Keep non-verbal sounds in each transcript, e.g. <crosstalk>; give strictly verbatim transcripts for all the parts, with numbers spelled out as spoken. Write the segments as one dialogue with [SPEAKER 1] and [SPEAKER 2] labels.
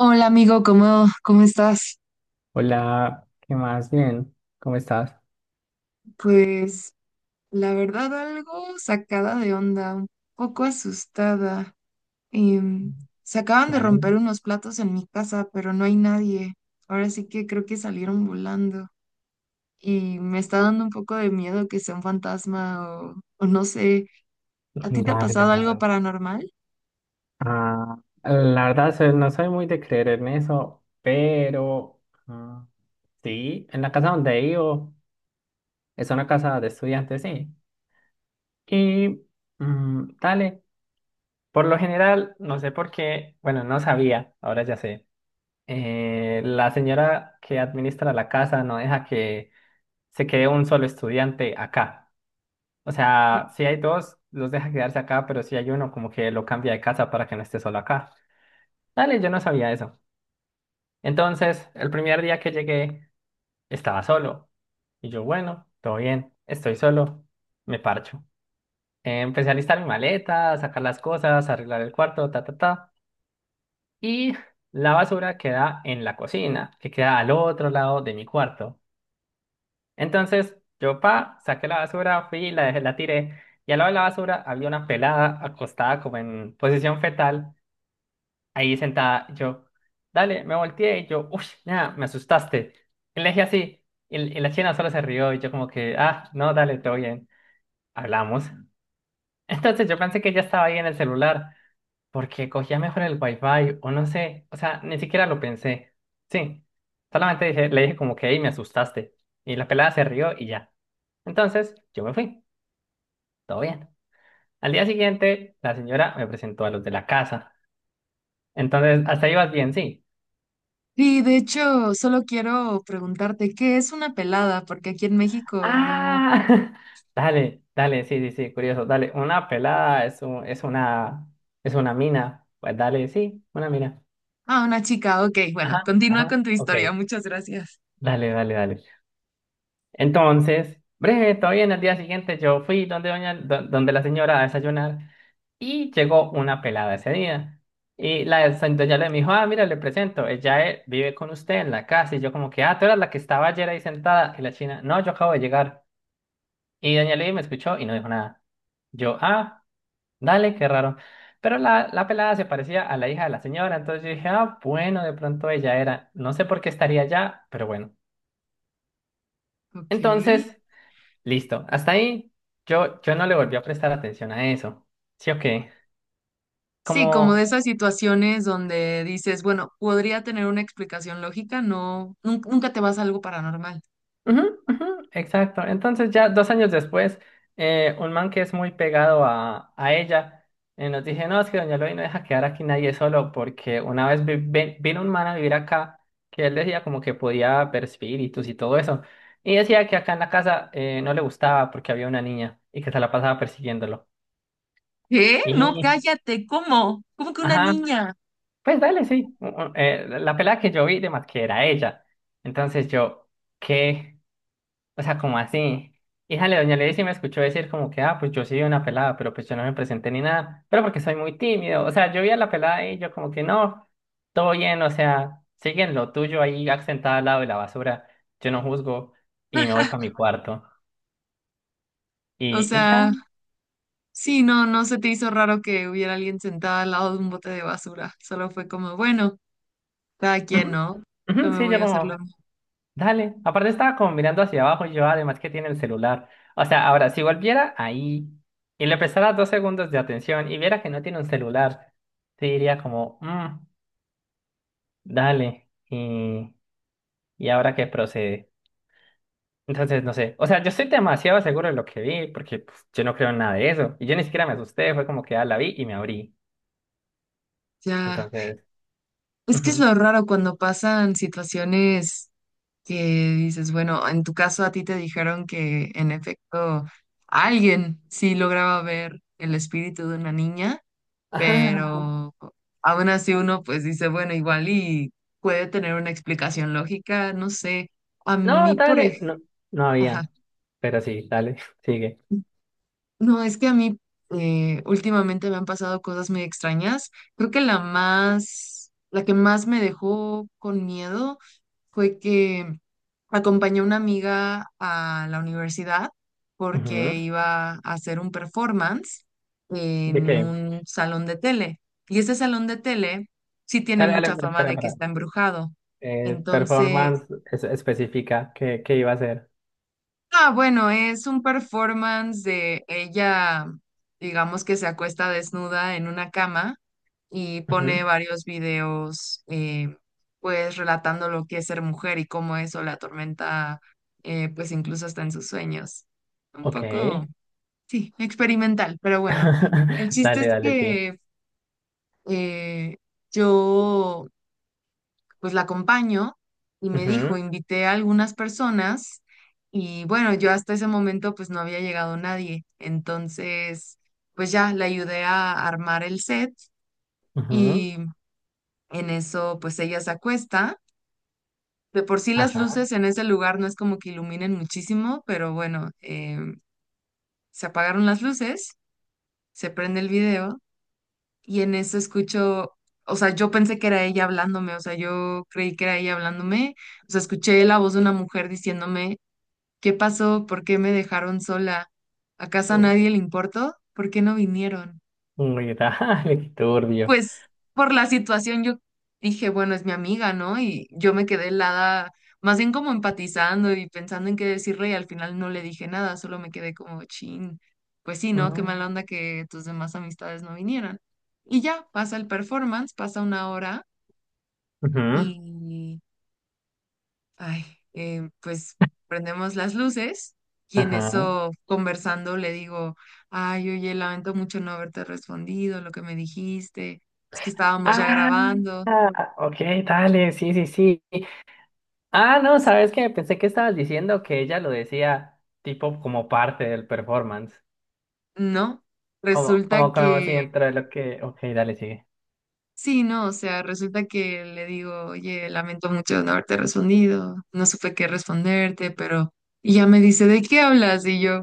[SPEAKER 1] Hola amigo, ¿cómo, cómo estás?
[SPEAKER 2] Hola, ¿qué más? Bien, ¿cómo estás?
[SPEAKER 1] Pues la verdad algo sacada de onda, un poco asustada. Em, Se acaban de
[SPEAKER 2] Vale,
[SPEAKER 1] romper unos platos en mi casa, pero no hay nadie. Ahora sí que creo que salieron volando y me está dando un poco de miedo que sea un fantasma o, o no sé. ¿A ti te ha
[SPEAKER 2] dale,
[SPEAKER 1] pasado algo
[SPEAKER 2] hermano.
[SPEAKER 1] paranormal?
[SPEAKER 2] Ah, la verdad, soy- no soy muy de creer en eso, pero ah, sí, en la casa donde vivo es una casa de estudiantes, sí. Y mm, dale, por lo general, no sé por qué, bueno, no sabía, ahora ya sé. Eh, la señora que administra la casa no deja que se quede un solo estudiante acá. O sea, si hay dos, los deja quedarse acá, pero si hay uno, como que lo cambia de casa para que no esté solo acá. Dale, yo no sabía eso. Entonces, el primer día que llegué, estaba solo. Y yo, bueno, todo bien, estoy solo, me parcho. Eh, Empecé a listar mi maleta, a sacar las cosas, a arreglar el cuarto, ta, ta, ta. Y la basura queda en la cocina, que queda al otro lado de mi cuarto. Entonces, yo pa, saqué la basura, fui, la dejé, la tiré. Y al lado de la basura había una pelada acostada como en posición fetal, ahí sentada. Yo, dale, me volteé y yo, uff, nada, me asustaste. Y le dije así. Y, y la china solo se rió y yo como que, ah, no, dale, todo bien. Hablamos. Entonces yo pensé que ya estaba ahí en el celular, porque cogía mejor el wifi, o no sé, o sea, ni siquiera lo pensé. Sí, solamente dije- le dije como que, hey, me asustaste. Y la pelada se rió y ya. Entonces yo me fui, todo bien. Al día siguiente, la señora me presentó a los de la casa. Entonces, hasta ahí vas bien, sí.
[SPEAKER 1] Sí, de hecho, solo quiero preguntarte, ¿qué es una pelada? Porque aquí en México no...
[SPEAKER 2] Ah, <laughs> dale, dale, sí, sí, sí, curioso, dale. Una pelada es, un- es una, es una mina. Pues dale, sí, una mina.
[SPEAKER 1] Ah, una chica, ok, bueno,
[SPEAKER 2] Ajá,
[SPEAKER 1] continúa
[SPEAKER 2] ajá,
[SPEAKER 1] con tu
[SPEAKER 2] ok.
[SPEAKER 1] historia, muchas gracias.
[SPEAKER 2] Dale, dale, dale. Entonces, breve, todo bien. El día siguiente yo fui donde, doña, do- donde la señora a desayunar y llegó una pelada ese día. Y la doña le dijo, ah, mira, le presento, ella eh, vive con usted en la casa. Y yo como que, ah, tú eras la que estaba ayer ahí sentada. Y la china, no, yo acabo de llegar. Y doña Levi me escuchó y no dijo nada. Yo, ah, dale, qué raro. Pero la, la pelada se parecía a la hija de la señora, entonces yo dije, ah, bueno, de pronto ella era, no sé por qué estaría allá, pero bueno.
[SPEAKER 1] Ok.
[SPEAKER 2] Entonces. Listo. Hasta ahí yo, yo no le volví a prestar atención a eso. ¿Sí o qué?
[SPEAKER 1] Sí, como de
[SPEAKER 2] Como.
[SPEAKER 1] esas situaciones donde dices, bueno, podría tener una explicación lógica, no, nun- nunca te vas a algo paranormal.
[SPEAKER 2] Ujú, ujú, exacto. Entonces ya dos años después, eh, un man que es muy pegado a, a ella, eh, nos dije, no, es que doña Loli no deja quedar aquí nadie solo porque una vez vi- vi- vino un man a vivir acá que él decía como que podía ver espíritus y todo eso. Y decía que acá en la casa eh, no le gustaba porque había una niña y que se la pasaba persiguiéndolo.
[SPEAKER 1] ¿Qué?
[SPEAKER 2] Y,
[SPEAKER 1] No, cállate, ¿cómo? ¿Cómo que una
[SPEAKER 2] ajá,
[SPEAKER 1] niña?
[SPEAKER 2] pues dale, sí. U- u- eh, la pelada que yo vi, demás que era ella. Entonces yo, ¿qué? O sea, ¿como así? Híjale, doña Lady sí me escuchó decir como que, ah, pues yo sí vi una pelada, pero pues yo no me presenté ni nada, pero porque soy muy tímido. O sea, yo vi a la pelada y yo como que no, todo bien, o sea, siguen lo tuyo ahí sentada al lado de la basura, yo no juzgo y me voy para mi cuarto.
[SPEAKER 1] O
[SPEAKER 2] Y, y ya.
[SPEAKER 1] sea, sí, no, no se te hizo raro que hubiera alguien sentada al lado de un bote de basura. Solo fue como, bueno, cada quien,
[SPEAKER 2] Ujú,
[SPEAKER 1] ¿no? Yo
[SPEAKER 2] ujú,
[SPEAKER 1] me
[SPEAKER 2] sí,
[SPEAKER 1] voy
[SPEAKER 2] yo
[SPEAKER 1] a hacerlo.
[SPEAKER 2] como. Dale, aparte estaba como mirando hacia abajo y yo además que tiene el celular. O sea, ahora, si volviera ahí y le prestara dos segundos de atención y viera que no tiene un celular, te diría como, "Mm, dale, y, y ahora qué procede". Entonces, no sé, o sea, yo estoy demasiado seguro de lo que vi porque pues, yo no creo en nada de eso. Y yo ni siquiera me asusté, fue como que ah, la vi y me abrí.
[SPEAKER 1] Ya.
[SPEAKER 2] Entonces,
[SPEAKER 1] Es que es
[SPEAKER 2] ujú.
[SPEAKER 1] lo raro cuando pasan situaciones, que dices, bueno, en tu caso a ti te dijeron que en efecto alguien sí lograba ver el espíritu de una niña,
[SPEAKER 2] Ah,
[SPEAKER 1] pero aún así uno pues dice, bueno, igual y puede tener una explicación lógica, no sé. A
[SPEAKER 2] no,
[SPEAKER 1] mí, por
[SPEAKER 2] dale,
[SPEAKER 1] ejemplo,
[SPEAKER 2] no, no había, pero sí, dale, <laughs> sigue.
[SPEAKER 1] no, es que a mí eh, últimamente me han pasado cosas muy extrañas. Creo que la más, la que más me dejó con miedo fue que acompañé a una amiga a la universidad
[SPEAKER 2] Ujú.
[SPEAKER 1] porque iba a hacer un performance
[SPEAKER 2] ¿De
[SPEAKER 1] en
[SPEAKER 2] qué?
[SPEAKER 1] un salón de tele. Y ese salón de tele sí tiene
[SPEAKER 2] Dale, dale,
[SPEAKER 1] mucha
[SPEAKER 2] espera,
[SPEAKER 1] fama de que
[SPEAKER 2] espera,
[SPEAKER 1] está
[SPEAKER 2] espera.
[SPEAKER 1] embrujado.
[SPEAKER 2] Eh,
[SPEAKER 1] Entonces,
[SPEAKER 2] performance es- específica que, que, iba a hacer.
[SPEAKER 1] ah, bueno, es un performance de ella, digamos que se acuesta desnuda en una cama y pone
[SPEAKER 2] Ujú.
[SPEAKER 1] varios videos, eh, pues relatando lo que es ser mujer y cómo eso la atormenta, eh, pues incluso hasta en sus sueños. Un
[SPEAKER 2] Ok.
[SPEAKER 1] poco, sí, experimental, pero bueno. El
[SPEAKER 2] <laughs>
[SPEAKER 1] chiste
[SPEAKER 2] Dale,
[SPEAKER 1] es
[SPEAKER 2] dale, sí.
[SPEAKER 1] que eh, yo pues la acompaño y me dijo,
[SPEAKER 2] Ujú,
[SPEAKER 1] invité a algunas personas y bueno, yo hasta ese momento pues no había llegado nadie. Entonces, pues ya la ayudé a armar el set
[SPEAKER 2] ujú,
[SPEAKER 1] y en eso pues ella se acuesta. De por sí las
[SPEAKER 2] ajá.
[SPEAKER 1] luces en ese lugar no es como que iluminen muchísimo, pero bueno, em, se apagaron las luces, se prende el video y en eso escucho, o sea, yo pensé que era ella hablándome, o sea, yo creí que era ella hablándome, o sea, escuché la voz de una mujer diciéndome: ¿qué pasó? ¿Por qué me dejaron sola? ¿Acaso a
[SPEAKER 2] Uh,
[SPEAKER 1] nadie le importó? ¿Por qué no vinieron?
[SPEAKER 2] Uy, <laughs> dale, qué turbio.
[SPEAKER 1] Pues por la situación yo dije, bueno, es mi amiga, ¿no? Y yo me quedé helada, más bien como empatizando y pensando en qué decirle y al final no le dije nada, solo me quedé como chin. Pues sí, ¿no? Qué
[SPEAKER 2] Mm,
[SPEAKER 1] mala onda que tus demás amistades no vinieran. Y ya, pasa el performance, pasa una hora
[SPEAKER 2] ujú,
[SPEAKER 1] y ay, eh, pues prendemos las luces y en
[SPEAKER 2] ajá.
[SPEAKER 1] eso conversando le digo, ay, oye, lamento mucho no haberte respondido lo que me dijiste, es que estábamos ya
[SPEAKER 2] Ah,
[SPEAKER 1] grabando,
[SPEAKER 2] ah, ok, dale, sí, sí, sí. Ah, no, ¿sabes qué? Pensé que estabas diciendo que ella lo decía tipo como parte del performance.
[SPEAKER 1] ¿no?
[SPEAKER 2] Como,
[SPEAKER 1] Resulta
[SPEAKER 2] como, como si
[SPEAKER 1] que,
[SPEAKER 2] dentro de lo que. Ok, dale, sigue.
[SPEAKER 1] sí, no, o sea, resulta que le digo, oye, lamento mucho no haberte respondido, no supe qué responderte, pero, y ya me dice, ¿de qué hablas? Y yo...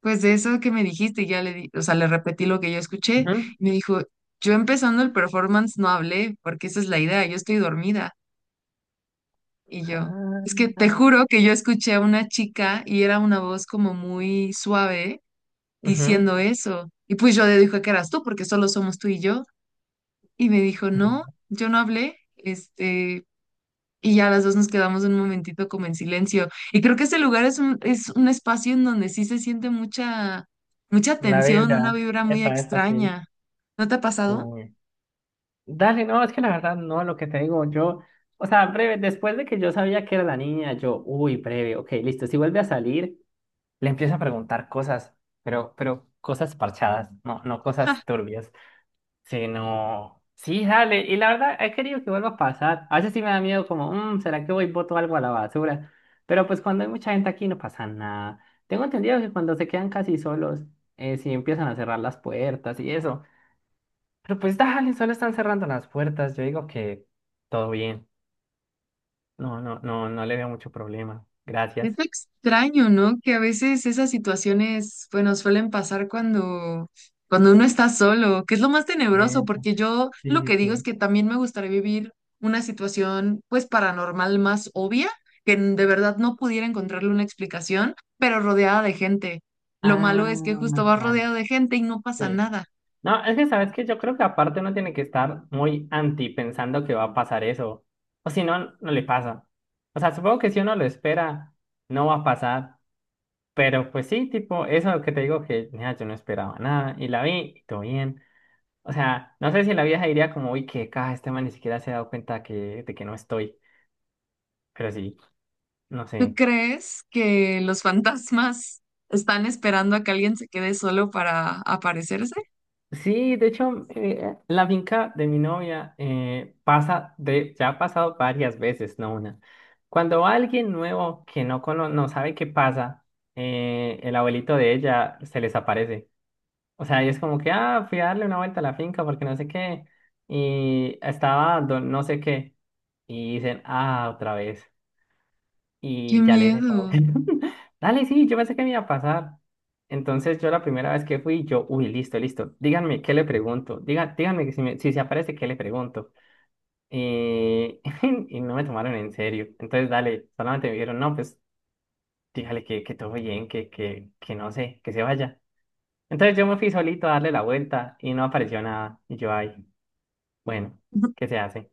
[SPEAKER 1] pues de eso que me dijiste, ya le di, o sea, le repetí lo que yo escuché
[SPEAKER 2] Ujú.
[SPEAKER 1] y me dijo, yo empezando el performance no hablé porque esa es la idea, yo estoy dormida. Y yo, es que te
[SPEAKER 2] Ah,
[SPEAKER 1] juro que yo escuché a una chica y era una voz como muy suave
[SPEAKER 2] ujú,
[SPEAKER 1] diciendo eso. Y pues yo le dije que eras tú porque solo somos tú y yo. Y me dijo, no,
[SPEAKER 2] ujú.
[SPEAKER 1] yo no hablé, este, y ya las dos nos quedamos un momentito como en silencio. Y creo que ese lugar es un, es un espacio en donde sí se siente mucha, mucha
[SPEAKER 2] La
[SPEAKER 1] tensión, una
[SPEAKER 2] Biblia,
[SPEAKER 1] vibra muy
[SPEAKER 2] epa, es así.
[SPEAKER 1] extraña. ¿No te ha pasado?
[SPEAKER 2] Uy. Dale, no, es que la verdad no, lo que te digo, yo, o sea, breve, después de que yo sabía que era la niña, yo, uy, breve, ok, listo, si vuelve a salir, le empiezo a preguntar cosas, pero, pero cosas parchadas, no, no cosas turbias, sino, sí, dale, y la verdad he querido que vuelva a pasar, a veces sí me da miedo como, "Mm, ¿será que voy y boto algo a la basura?" Pero pues cuando hay mucha gente aquí no pasa nada. Tengo entendido que cuando se quedan casi solos, eh, sí empiezan a cerrar las puertas y eso. Pero pues dale, solo están cerrando las puertas. Yo digo que todo bien. No, no, no, no le veo mucho problema.
[SPEAKER 1] Es
[SPEAKER 2] Gracias.
[SPEAKER 1] extraño, ¿no? Que a veces esas situaciones, bueno, suelen pasar cuando, cuando uno está solo, que es lo más tenebroso,
[SPEAKER 2] Eso,
[SPEAKER 1] porque yo
[SPEAKER 2] sí,
[SPEAKER 1] lo que
[SPEAKER 2] sí,
[SPEAKER 1] digo es
[SPEAKER 2] sí.
[SPEAKER 1] que también me gustaría vivir una situación, pues, paranormal más obvia, que n- de verdad no pudiera encontrarle una explicación, pero rodeada de gente. Lo malo es que justo
[SPEAKER 2] Ah,
[SPEAKER 1] vas
[SPEAKER 2] dale.
[SPEAKER 1] rodeado de gente y no pasa
[SPEAKER 2] Sí.
[SPEAKER 1] nada.
[SPEAKER 2] No, es que sabes que yo creo que aparte uno tiene que estar muy anti pensando que va a pasar eso. O si no, no le pasa. O sea, supongo que si uno lo espera, no va a pasar. Pero pues sí, tipo, eso que te digo que, mira, yo no esperaba nada y la vi y todo bien. O sea, no sé si en la vieja diría como, uy, qué caja, este man ni siquiera se ha dado cuenta que, de que no estoy. Pero sí, no
[SPEAKER 1] ¿Tú
[SPEAKER 2] sé.
[SPEAKER 1] crees que los <laughs> fantasmas están esperando a que alguien se quede solo para aparecerse?
[SPEAKER 2] Sí, de hecho, eh, la finca de mi novia eh, pasa de, ya ha pasado varias veces, no una. Cuando va alguien nuevo que no, cono- no sabe qué pasa, eh, el abuelito de ella se les aparece. O sea, y es como que, ah, fui a darle una vuelta a la finca porque no sé qué. Y estaba, don- no sé qué. Y dicen, ah, otra vez.
[SPEAKER 1] ¡Qué
[SPEAKER 2] Y ya le dije como
[SPEAKER 1] miedo!
[SPEAKER 2] que, <laughs> dale, sí, yo pensé que me iba a pasar. Entonces yo la primera vez que fui, yo, uy, listo, listo, díganme qué le pregunto, Diga, díganme que si, me- si se aparece, qué le pregunto. Eh, <laughs> y no me tomaron en serio. Entonces, dale, solamente me dijeron, no, pues dígale que, que todo bien, que, que, que no sé, que se vaya. Entonces yo me fui solito a darle la vuelta y no apareció nada. Y yo, ay, bueno, ¿qué se hace?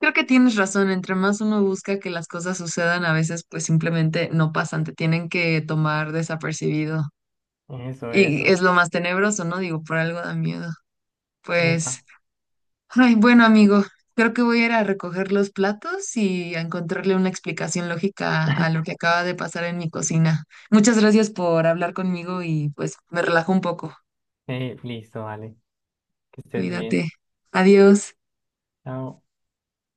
[SPEAKER 1] Creo que tienes razón, entre más uno busca que las cosas sucedan, a veces pues simplemente no pasan, te tienen que tomar desapercibido.
[SPEAKER 2] Eso,
[SPEAKER 1] Y es
[SPEAKER 2] eso.
[SPEAKER 1] lo más tenebroso, ¿no? Digo, por algo da miedo.
[SPEAKER 2] Epa,
[SPEAKER 1] Pues, ay, bueno, amigo, creo que voy a ir a recoger los platos y a encontrarle una explicación lógica a lo que acaba de pasar en mi cocina. Muchas gracias por hablar conmigo y pues me relajo un poco.
[SPEAKER 2] eh, listo, dale, que estés
[SPEAKER 1] Cuídate.
[SPEAKER 2] bien.
[SPEAKER 1] Adiós.
[SPEAKER 2] Chao.